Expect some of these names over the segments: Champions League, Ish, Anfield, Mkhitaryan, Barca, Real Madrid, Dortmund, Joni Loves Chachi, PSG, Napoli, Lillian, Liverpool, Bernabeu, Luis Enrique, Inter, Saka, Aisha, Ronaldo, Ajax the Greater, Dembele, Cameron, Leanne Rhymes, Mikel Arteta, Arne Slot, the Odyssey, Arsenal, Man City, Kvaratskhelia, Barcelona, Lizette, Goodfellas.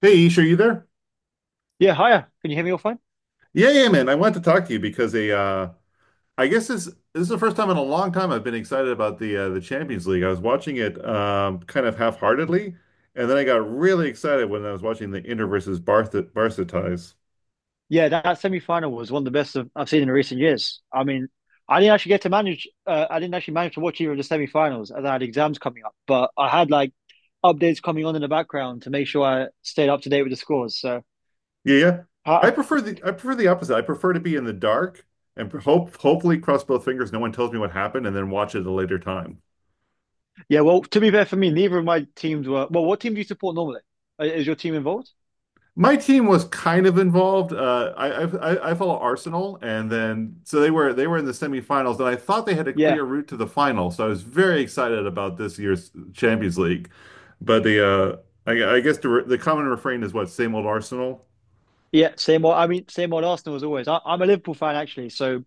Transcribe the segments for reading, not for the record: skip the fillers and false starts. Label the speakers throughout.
Speaker 1: Hey, Ish, are you there?
Speaker 2: Yeah, hiya. Can you hear me all fine?
Speaker 1: Yeah, yeah, man. I wanted to talk to you because a I guess this is the first time in a long time I've been excited about the Champions League. I was watching it kind of half-heartedly, and then I got really excited when I was watching the Inter versus Barca ties.
Speaker 2: Yeah, that semi-final was one of the best I've seen in recent years. I mean, I didn't actually get to manage. I didn't actually manage to watch either of the semi-finals, as I had exams coming up. But I had like updates coming on in the background to make sure I stayed up to date with the scores. So,
Speaker 1: Yeah, yeah. I
Speaker 2: uh,
Speaker 1: prefer the I prefer the opposite. I prefer to be in the dark and hopefully cross both fingers, no one tells me what happened, and then watch it at a later time.
Speaker 2: yeah. Well, to be fair for me, neither of my teams were. Well, what team do you support normally? Is your team involved?
Speaker 1: My team was kind of involved. I follow Arsenal, and then so they were in the semifinals, and I thought they had a
Speaker 2: Yeah,
Speaker 1: clear route to the final. So I was very excited about this year's Champions League, but I guess the common refrain is, what, same old Arsenal.
Speaker 2: yeah. Same old. I mean, same old Arsenal as always. I'm a Liverpool fan actually, so,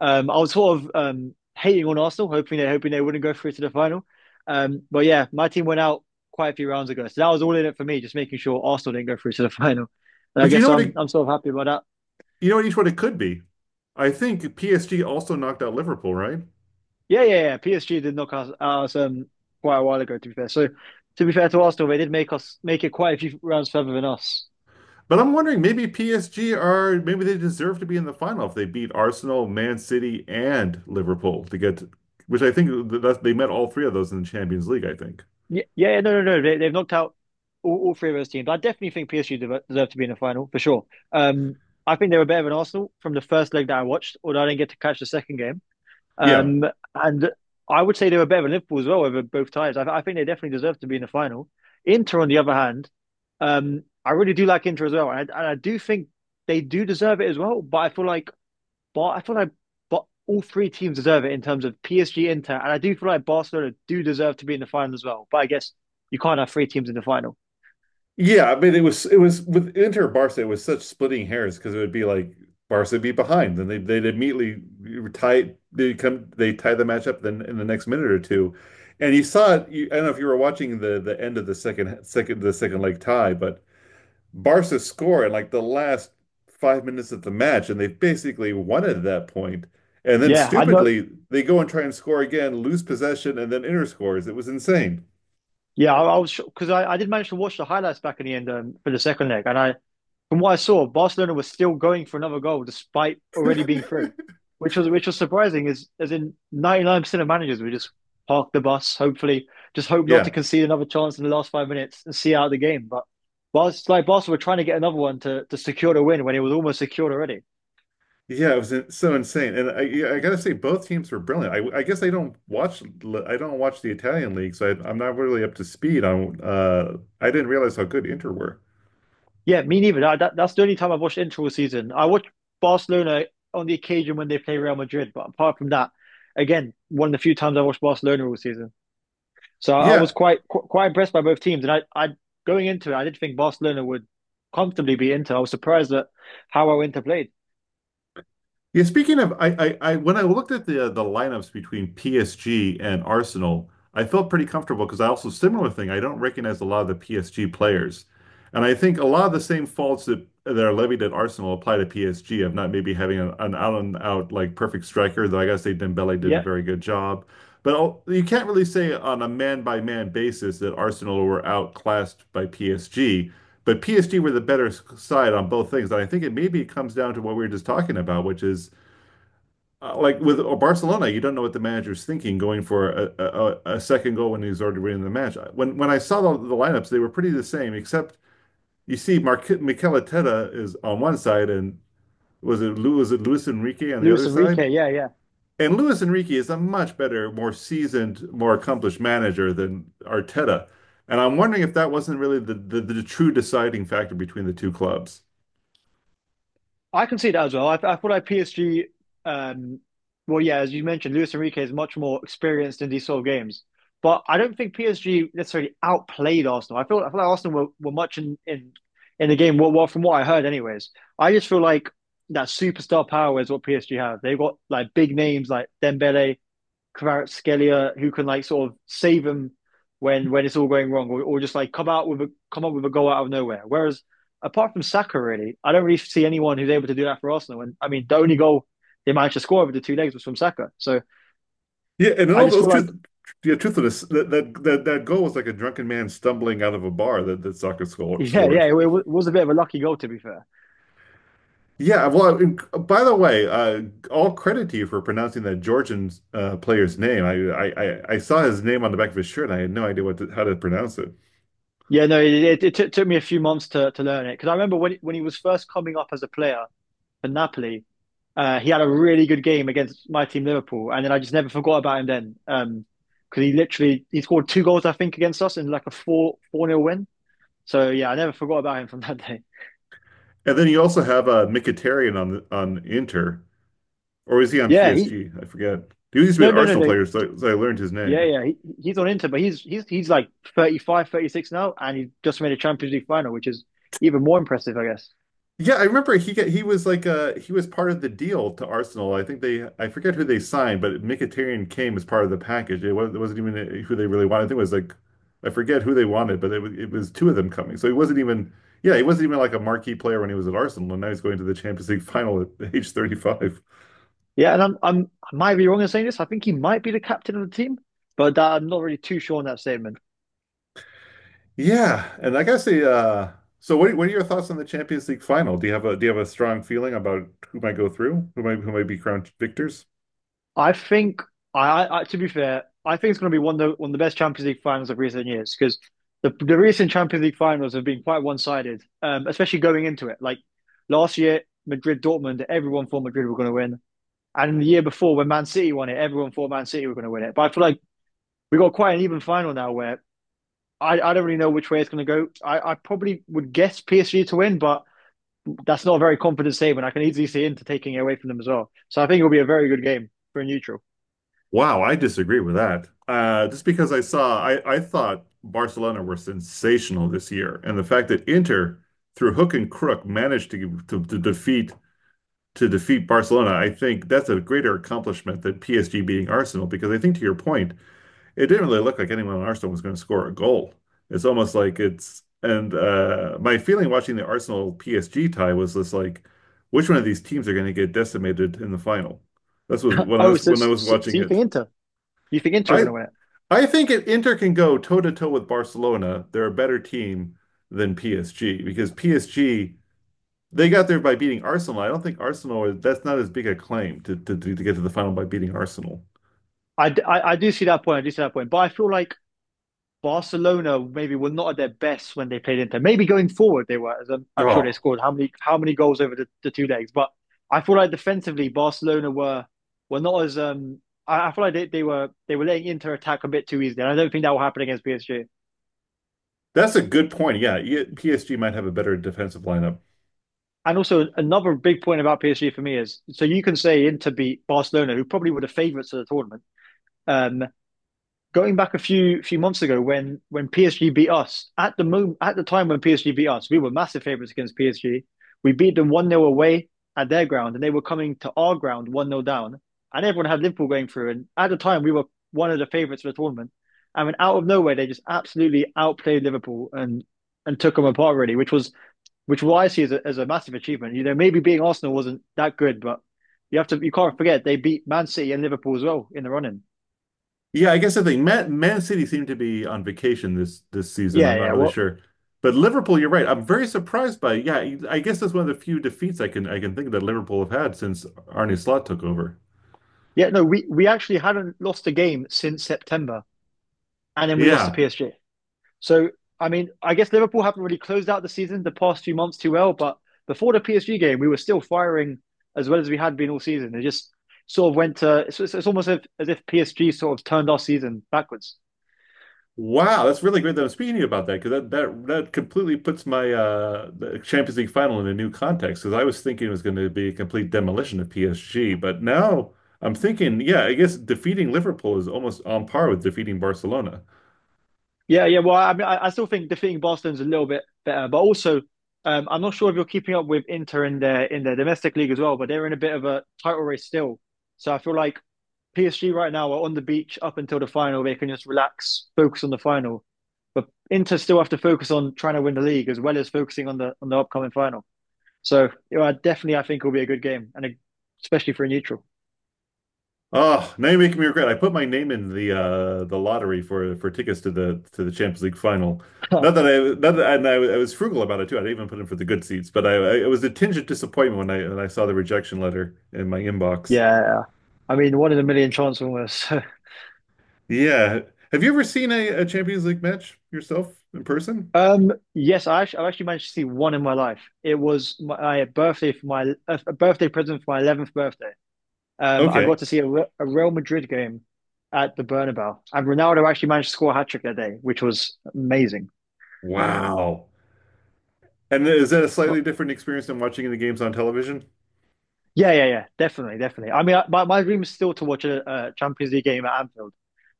Speaker 2: I was sort of hating on Arsenal, hoping they wouldn't go through to the final. But yeah, my team went out quite a few rounds ago, so that was all in it for me, just making sure Arsenal didn't go through to the final. And I
Speaker 1: But you
Speaker 2: guess
Speaker 1: know what it,
Speaker 2: I'm sort of happy about that.
Speaker 1: you know what, each one it could be. I think PSG also knocked out Liverpool, right?
Speaker 2: Yeah, yeah, yeah. PSG did knock us out quite a while ago, to be fair. So to be fair to Arsenal, they did make it quite a few rounds further than us.
Speaker 1: But I'm wondering, maybe PSG are, maybe they deserve to be in the final if they beat Arsenal, Man City, and Liverpool to get, which I think that they met all three of those in the Champions League, I think.
Speaker 2: Yeah, yeah, yeah, no, no, no. They've knocked out all three of those teams. I definitely think PSG deserve to be in the final for sure. Um, I think they were better than Arsenal from the first leg that I watched, although I didn't get to catch the second game.
Speaker 1: Yeah.
Speaker 2: Um, and I would say they were better than Liverpool as well over both ties. I think they definitely deserve to be in the final. Inter, on the other hand, I really do like Inter as well, and I do think they do deserve it as well. But I feel like, but I feel like, But all three teams deserve it in terms of PSG, Inter, and I do feel like Barcelona do deserve to be in the final as well. But I guess you can't have three teams in the final.
Speaker 1: Yeah, I mean it was with Inter Barca, it was such splitting hairs because it would be like Barca would be behind, then they'd immediately tie they come they tie the match up then in the next minute or two. And you saw it, you, I don't know if you were watching the end of the second leg tie, but Barca score in like the last 5 minutes of the match, and they basically won it at that point. And then
Speaker 2: Yeah, I know.
Speaker 1: stupidly, they go and try and score again, lose possession, and then Inter scores. It was insane.
Speaker 2: Yeah, I was because I did manage to watch the highlights back in the end for the second leg, and I from what I saw, Barcelona was still going for another goal despite already being through, which was surprising. Is as in 99% of managers would just park the bus, hopefully, just hope not to
Speaker 1: Yeah.
Speaker 2: concede another chance in the last 5 minutes and see out the game. But Barcelona were trying to get another one to secure the win when it was almost secured already.
Speaker 1: Yeah, so insane. And I gotta say both teams were brilliant. I don't watch the Italian league, so I'm not really up to speed on I didn't realize how good Inter were.
Speaker 2: Yeah, me neither. That's the only time I've watched Inter all season. I watch Barcelona on the occasion when they play Real Madrid, but apart from that, again, one of the few times I watched Barcelona all season. So I was
Speaker 1: Yeah,
Speaker 2: quite impressed by both teams, and I going into it, I did think Barcelona would comfortably be Inter. I was surprised at how well Inter played.
Speaker 1: yeah, speaking of, I when I looked at the lineups between PSG and Arsenal, I felt pretty comfortable because I, also similar thing. I don't recognize a lot of the PSG players, and I think a lot of the same faults that are levied at Arsenal apply to PSG of not maybe having an out and out like perfect striker. Though I gotta say Dembele did a
Speaker 2: Yeah,
Speaker 1: very good job, but you can't really say on a man by man basis that Arsenal were outclassed by PSG, but PSG were the better side on both things. And I think it maybe comes down to what we were just talking about, which is, like with Barcelona, you don't know what the manager's thinking going for a second goal when he's already winning the match. When I saw the lineups, they were pretty the same, except you see Mikel Arteta is on one side, and was it Luis Enrique on the
Speaker 2: Luis
Speaker 1: other side?
Speaker 2: Enrique. Yeah, yeah,
Speaker 1: And Luis Enrique is a much better, more seasoned, more accomplished manager than Arteta. And I'm wondering if that wasn't really the true deciding factor between the two clubs.
Speaker 2: I can see that as well. I thought I PSG. Um, well, yeah, as you mentioned, Luis Enrique is much more experienced in these sort of games, but I don't think PSG necessarily outplayed Arsenal. I feel like Arsenal were much in the game. Well, from what I heard, anyways, I just feel like that superstar power is what PSG have. They've got like big names like Dembele Kvaratskhelia who can like sort of save them when it's all going wrong, or just like come up with a goal out of nowhere. Whereas apart from Saka, really, I don't really see anyone who's able to do that for Arsenal. And I mean, the only goal they managed to score over the two legs was from Saka. So
Speaker 1: Yeah, and in
Speaker 2: I
Speaker 1: all
Speaker 2: just
Speaker 1: the
Speaker 2: feel
Speaker 1: truth,
Speaker 2: like,
Speaker 1: yeah, truthfulness, that goal was like a drunken man stumbling out of a bar that soccer
Speaker 2: yeah, yeah,
Speaker 1: scored.
Speaker 2: it was a bit of a lucky goal to be fair.
Speaker 1: Yeah, well, and by the way, all credit to you for pronouncing that Georgian player's name. I saw his name on the back of his shirt, and I had no idea how to pronounce it.
Speaker 2: Yeah, no, it took me a few months to learn it because I remember when he was first coming up as a player, for Napoli. He had a really good game against my team Liverpool, and then I just never forgot about him then 'cause because he literally he scored two goals I think against us in like a four nil win. So yeah, I never forgot about him from that day.
Speaker 1: And then you also have Mkhitaryan on Inter, or is he on
Speaker 2: Yeah, he
Speaker 1: PSG? I forget. He used to be
Speaker 2: no,
Speaker 1: an
Speaker 2: no, no,
Speaker 1: Arsenal
Speaker 2: no,
Speaker 1: player, so I learned his
Speaker 2: yeah,
Speaker 1: name.
Speaker 2: yeah, he's on Inter, but he's like 35, 36 now, and he just made a Champions League final, which is even more impressive, I guess.
Speaker 1: Yeah, I remember he was like he was part of the deal to Arsenal. I forget who they signed, but Mkhitaryan came as part of the package. It wasn't even, who they really wanted. I think it was like I forget who they wanted, but it was two of them coming. So he wasn't even like a marquee player when he was at Arsenal, and now he's going to the Champions League final at age 35.
Speaker 2: Yeah, and I might be wrong in saying this. I think he might be the captain of the team, but that, I'm not really too sure on that statement.
Speaker 1: Yeah, and I gotta say, so what are your thoughts on the Champions League final? Do you have a do you have a strong feeling about who might go through, who might be crowned victors?
Speaker 2: I think I to be fair, I think it's going to be one of the best Champions League finals of recent years because the recent Champions League finals have been quite one-sided, especially going into it. Like last year, Madrid Dortmund, everyone thought Madrid were going to win, and the year before when Man City won it, everyone thought Man City were going to win it. But I feel like we got quite an even final now where. I don't really know which way it's going to go. I probably would guess PSG to win, but that's not a very confident statement. I can easily see Inter taking it away from them as well. So I think it'll be a very good game for a neutral.
Speaker 1: Wow, I disagree with that. Just because I thought Barcelona were sensational this year, and the fact that Inter, through hook and crook, managed to defeat Barcelona, I think that's a greater accomplishment than PSG beating Arsenal. Because I think, to your point, it didn't really look like anyone on Arsenal was going to score a goal. It's almost like it's and My feeling watching the Arsenal PSG tie was this, like, which one of these teams are going to get decimated in the final? This was
Speaker 2: Oh,
Speaker 1: when I was
Speaker 2: so
Speaker 1: watching
Speaker 2: you
Speaker 1: it.
Speaker 2: think Inter? You think Inter are going to
Speaker 1: I
Speaker 2: win it?
Speaker 1: I think if Inter can go toe to toe with Barcelona, they're a better team than PSG because PSG, they got there by beating Arsenal. I don't think Arsenal is that's not as big a claim to get to the final by beating Arsenal.
Speaker 2: I do see that point. I do see that point. But I feel like Barcelona maybe were not at their best when they played Inter. Maybe going forward they were, as I'm sure they
Speaker 1: Oh,
Speaker 2: scored how many goals over the two legs. But I feel like defensively Barcelona were not as. I feel like they were letting Inter attack a bit too easily. And I don't think that will happen against PSG.
Speaker 1: that's a good point. Yeah, yeah, PSG might have a better defensive lineup.
Speaker 2: And also another big point about PSG for me is so you can say Inter beat Barcelona, who probably were the favourites of the tournament. Um, Going back a few months ago when PSG beat us at the moment at the time when PSG beat us, we were massive favourites against PSG. We beat them one nil away at their ground, and they were coming to our ground one nil down, and everyone had Liverpool going through. And at the time, we were one of the favourites for the tournament. I mean, out of nowhere, they just absolutely outplayed Liverpool and took them apart really, which what I see as a massive achievement. You know, maybe being Arsenal wasn't that good, but you have to you can't forget they beat Man City and Liverpool as well in the running.
Speaker 1: Yeah, I guess the thing, Man City seemed to be on vacation this season.
Speaker 2: Yeah,
Speaker 1: I'm not
Speaker 2: yeah.
Speaker 1: really
Speaker 2: Well.
Speaker 1: sure. But Liverpool, you're right. I'm very surprised by Yeah, I guess that's one of the few defeats I can think that Liverpool have had since Arne Slot took over.
Speaker 2: Yeah, no, we actually hadn't lost a game since September, and then we lost to
Speaker 1: Yeah.
Speaker 2: PSG. So, I mean, I guess Liverpool haven't really closed out the season the past few months too well, but before the PSG game, we were still firing as well as we had been all season. It just sort of went to, it's almost as if PSG sort of turned our season backwards.
Speaker 1: Wow, that's really great that I'm speaking to you about that because that completely puts my the Champions League final in a new context because I was thinking it was going to be a complete demolition of PSG, but now I'm thinking, yeah, I guess defeating Liverpool is almost on par with defeating Barcelona.
Speaker 2: Yeah, yeah. Well, I mean, I still think defeating Barcelona's a little bit better, but also, I'm not sure if you're keeping up with Inter in their domestic league as well, but they're in a bit of a title race still. So I feel like PSG right now are on the beach up until the final. They can just relax, focus on the final. But Inter still have to focus on trying to win the league as well as focusing on the upcoming final. So I definitely, I think it'll be a good game, and especially for a neutral.
Speaker 1: Oh, now you're making me regret. I put my name in the lottery for tickets to the Champions League final. Not that, and I was frugal about it too. I didn't even put in for the good seats, but I it was a tinge of disappointment when I saw the rejection letter in my inbox.
Speaker 2: Yeah, I mean, one in a million chance almost.
Speaker 1: Yeah. Have you ever seen a Champions League match yourself in person?
Speaker 2: Yes, I actually managed to see one in my life. It was my birthday for my a birthday present for my eleventh birthday. I got
Speaker 1: Okay.
Speaker 2: to see a Real Madrid game at the Bernabeu, and Ronaldo actually managed to score a hat trick that day, which was amazing.
Speaker 1: No. Wow. And is that a
Speaker 2: But
Speaker 1: slightly different experience than watching the games on television?
Speaker 2: yeah, yeah, yeah, definitely, definitely. I mean, I, my dream is still to watch a Champions League game at Anfield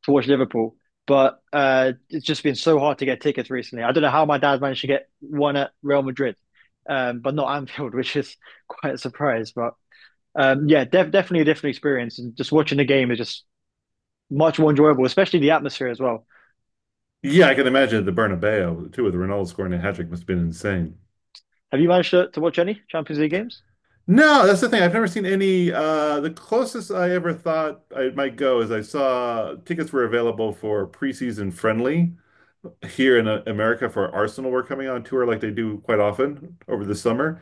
Speaker 2: to watch Liverpool, but it's just been so hard to get tickets recently. I don't know how my dad managed to get one at Real Madrid, but not Anfield, which is quite a surprise. But yeah, definitely a different experience, and just watching the game is just much more enjoyable, especially the atmosphere as well.
Speaker 1: Yeah, I can imagine the Bernabeu too, with Ronaldo scoring a hat trick must have been insane.
Speaker 2: Have you managed to watch any Champions League games?
Speaker 1: No, that's the thing. I've never seen any. The closest I ever thought I might go is I saw tickets were available for preseason friendly here in America, for Arsenal were coming on tour like they do quite often over the summer.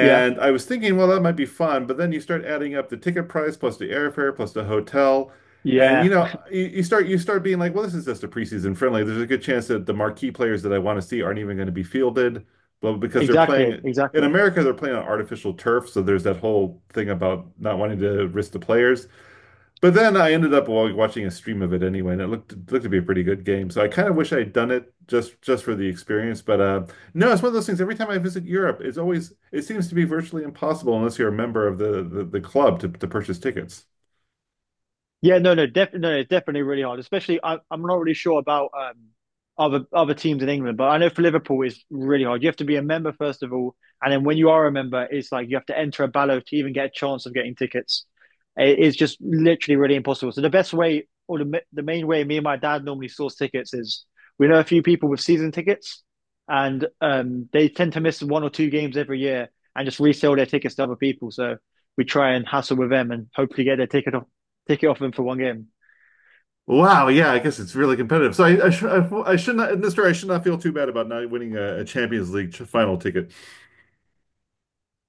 Speaker 2: Yeah,
Speaker 1: I was thinking, well, that might be fun, but then you start adding up the ticket price plus the airfare plus the hotel, and
Speaker 2: yeah,
Speaker 1: you start being like, well, this is just a preseason friendly. There's a good chance that the marquee players that I want to see aren't even going to be fielded, well, because they're
Speaker 2: exactly,
Speaker 1: playing in
Speaker 2: exactly.
Speaker 1: America, they're playing on artificial turf, so there's that whole thing about not wanting to risk the players. But then I ended up watching a stream of it anyway, and it looked to be a pretty good game. So I kind of wish I'd done it just for the experience. But no, it's one of those things. Every time I visit Europe, it seems to be virtually impossible unless you're a member of the club to purchase tickets.
Speaker 2: Yeah, no, no, definitely, no, it's definitely really hard. Especially, I'm not really sure about other teams in England. But I know for Liverpool, it's really hard. You have to be a member first of all, and then when you are a member, it's like you have to enter a ballot to even get a chance of getting tickets. It is just literally really impossible. So the best way, or the main way, me and my dad normally source tickets is we know a few people with season tickets, and they tend to miss one or two games every year and just resell their tickets to other people. So we try and hassle with them and hopefully get their ticket off them for one game.
Speaker 1: Wow, yeah, I guess it's really competitive. So I should not, in this story, I should not feel too bad about not winning a Champions League final ticket.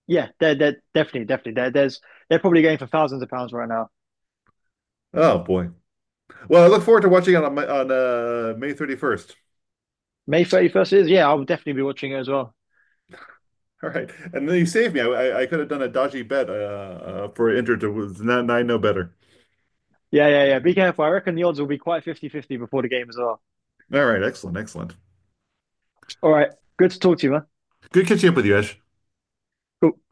Speaker 2: Yeah, they're definitely there. There's They're probably going for thousands of pounds right now.
Speaker 1: Oh boy. Well, I look forward to watching it on May 31st.
Speaker 2: May 31st is Yeah, I'll definitely be watching it as well.
Speaker 1: All right. And then you saved me. I could have done a dodgy bet for Inter to, and I know better.
Speaker 2: Yeah, yeah, yeah. Be careful. I reckon the odds will be quite 50-50 before the game as well.
Speaker 1: All right. Excellent. Excellent.
Speaker 2: All right, good to talk to you, man.
Speaker 1: Good catching up with you, Ash.
Speaker 2: Cool.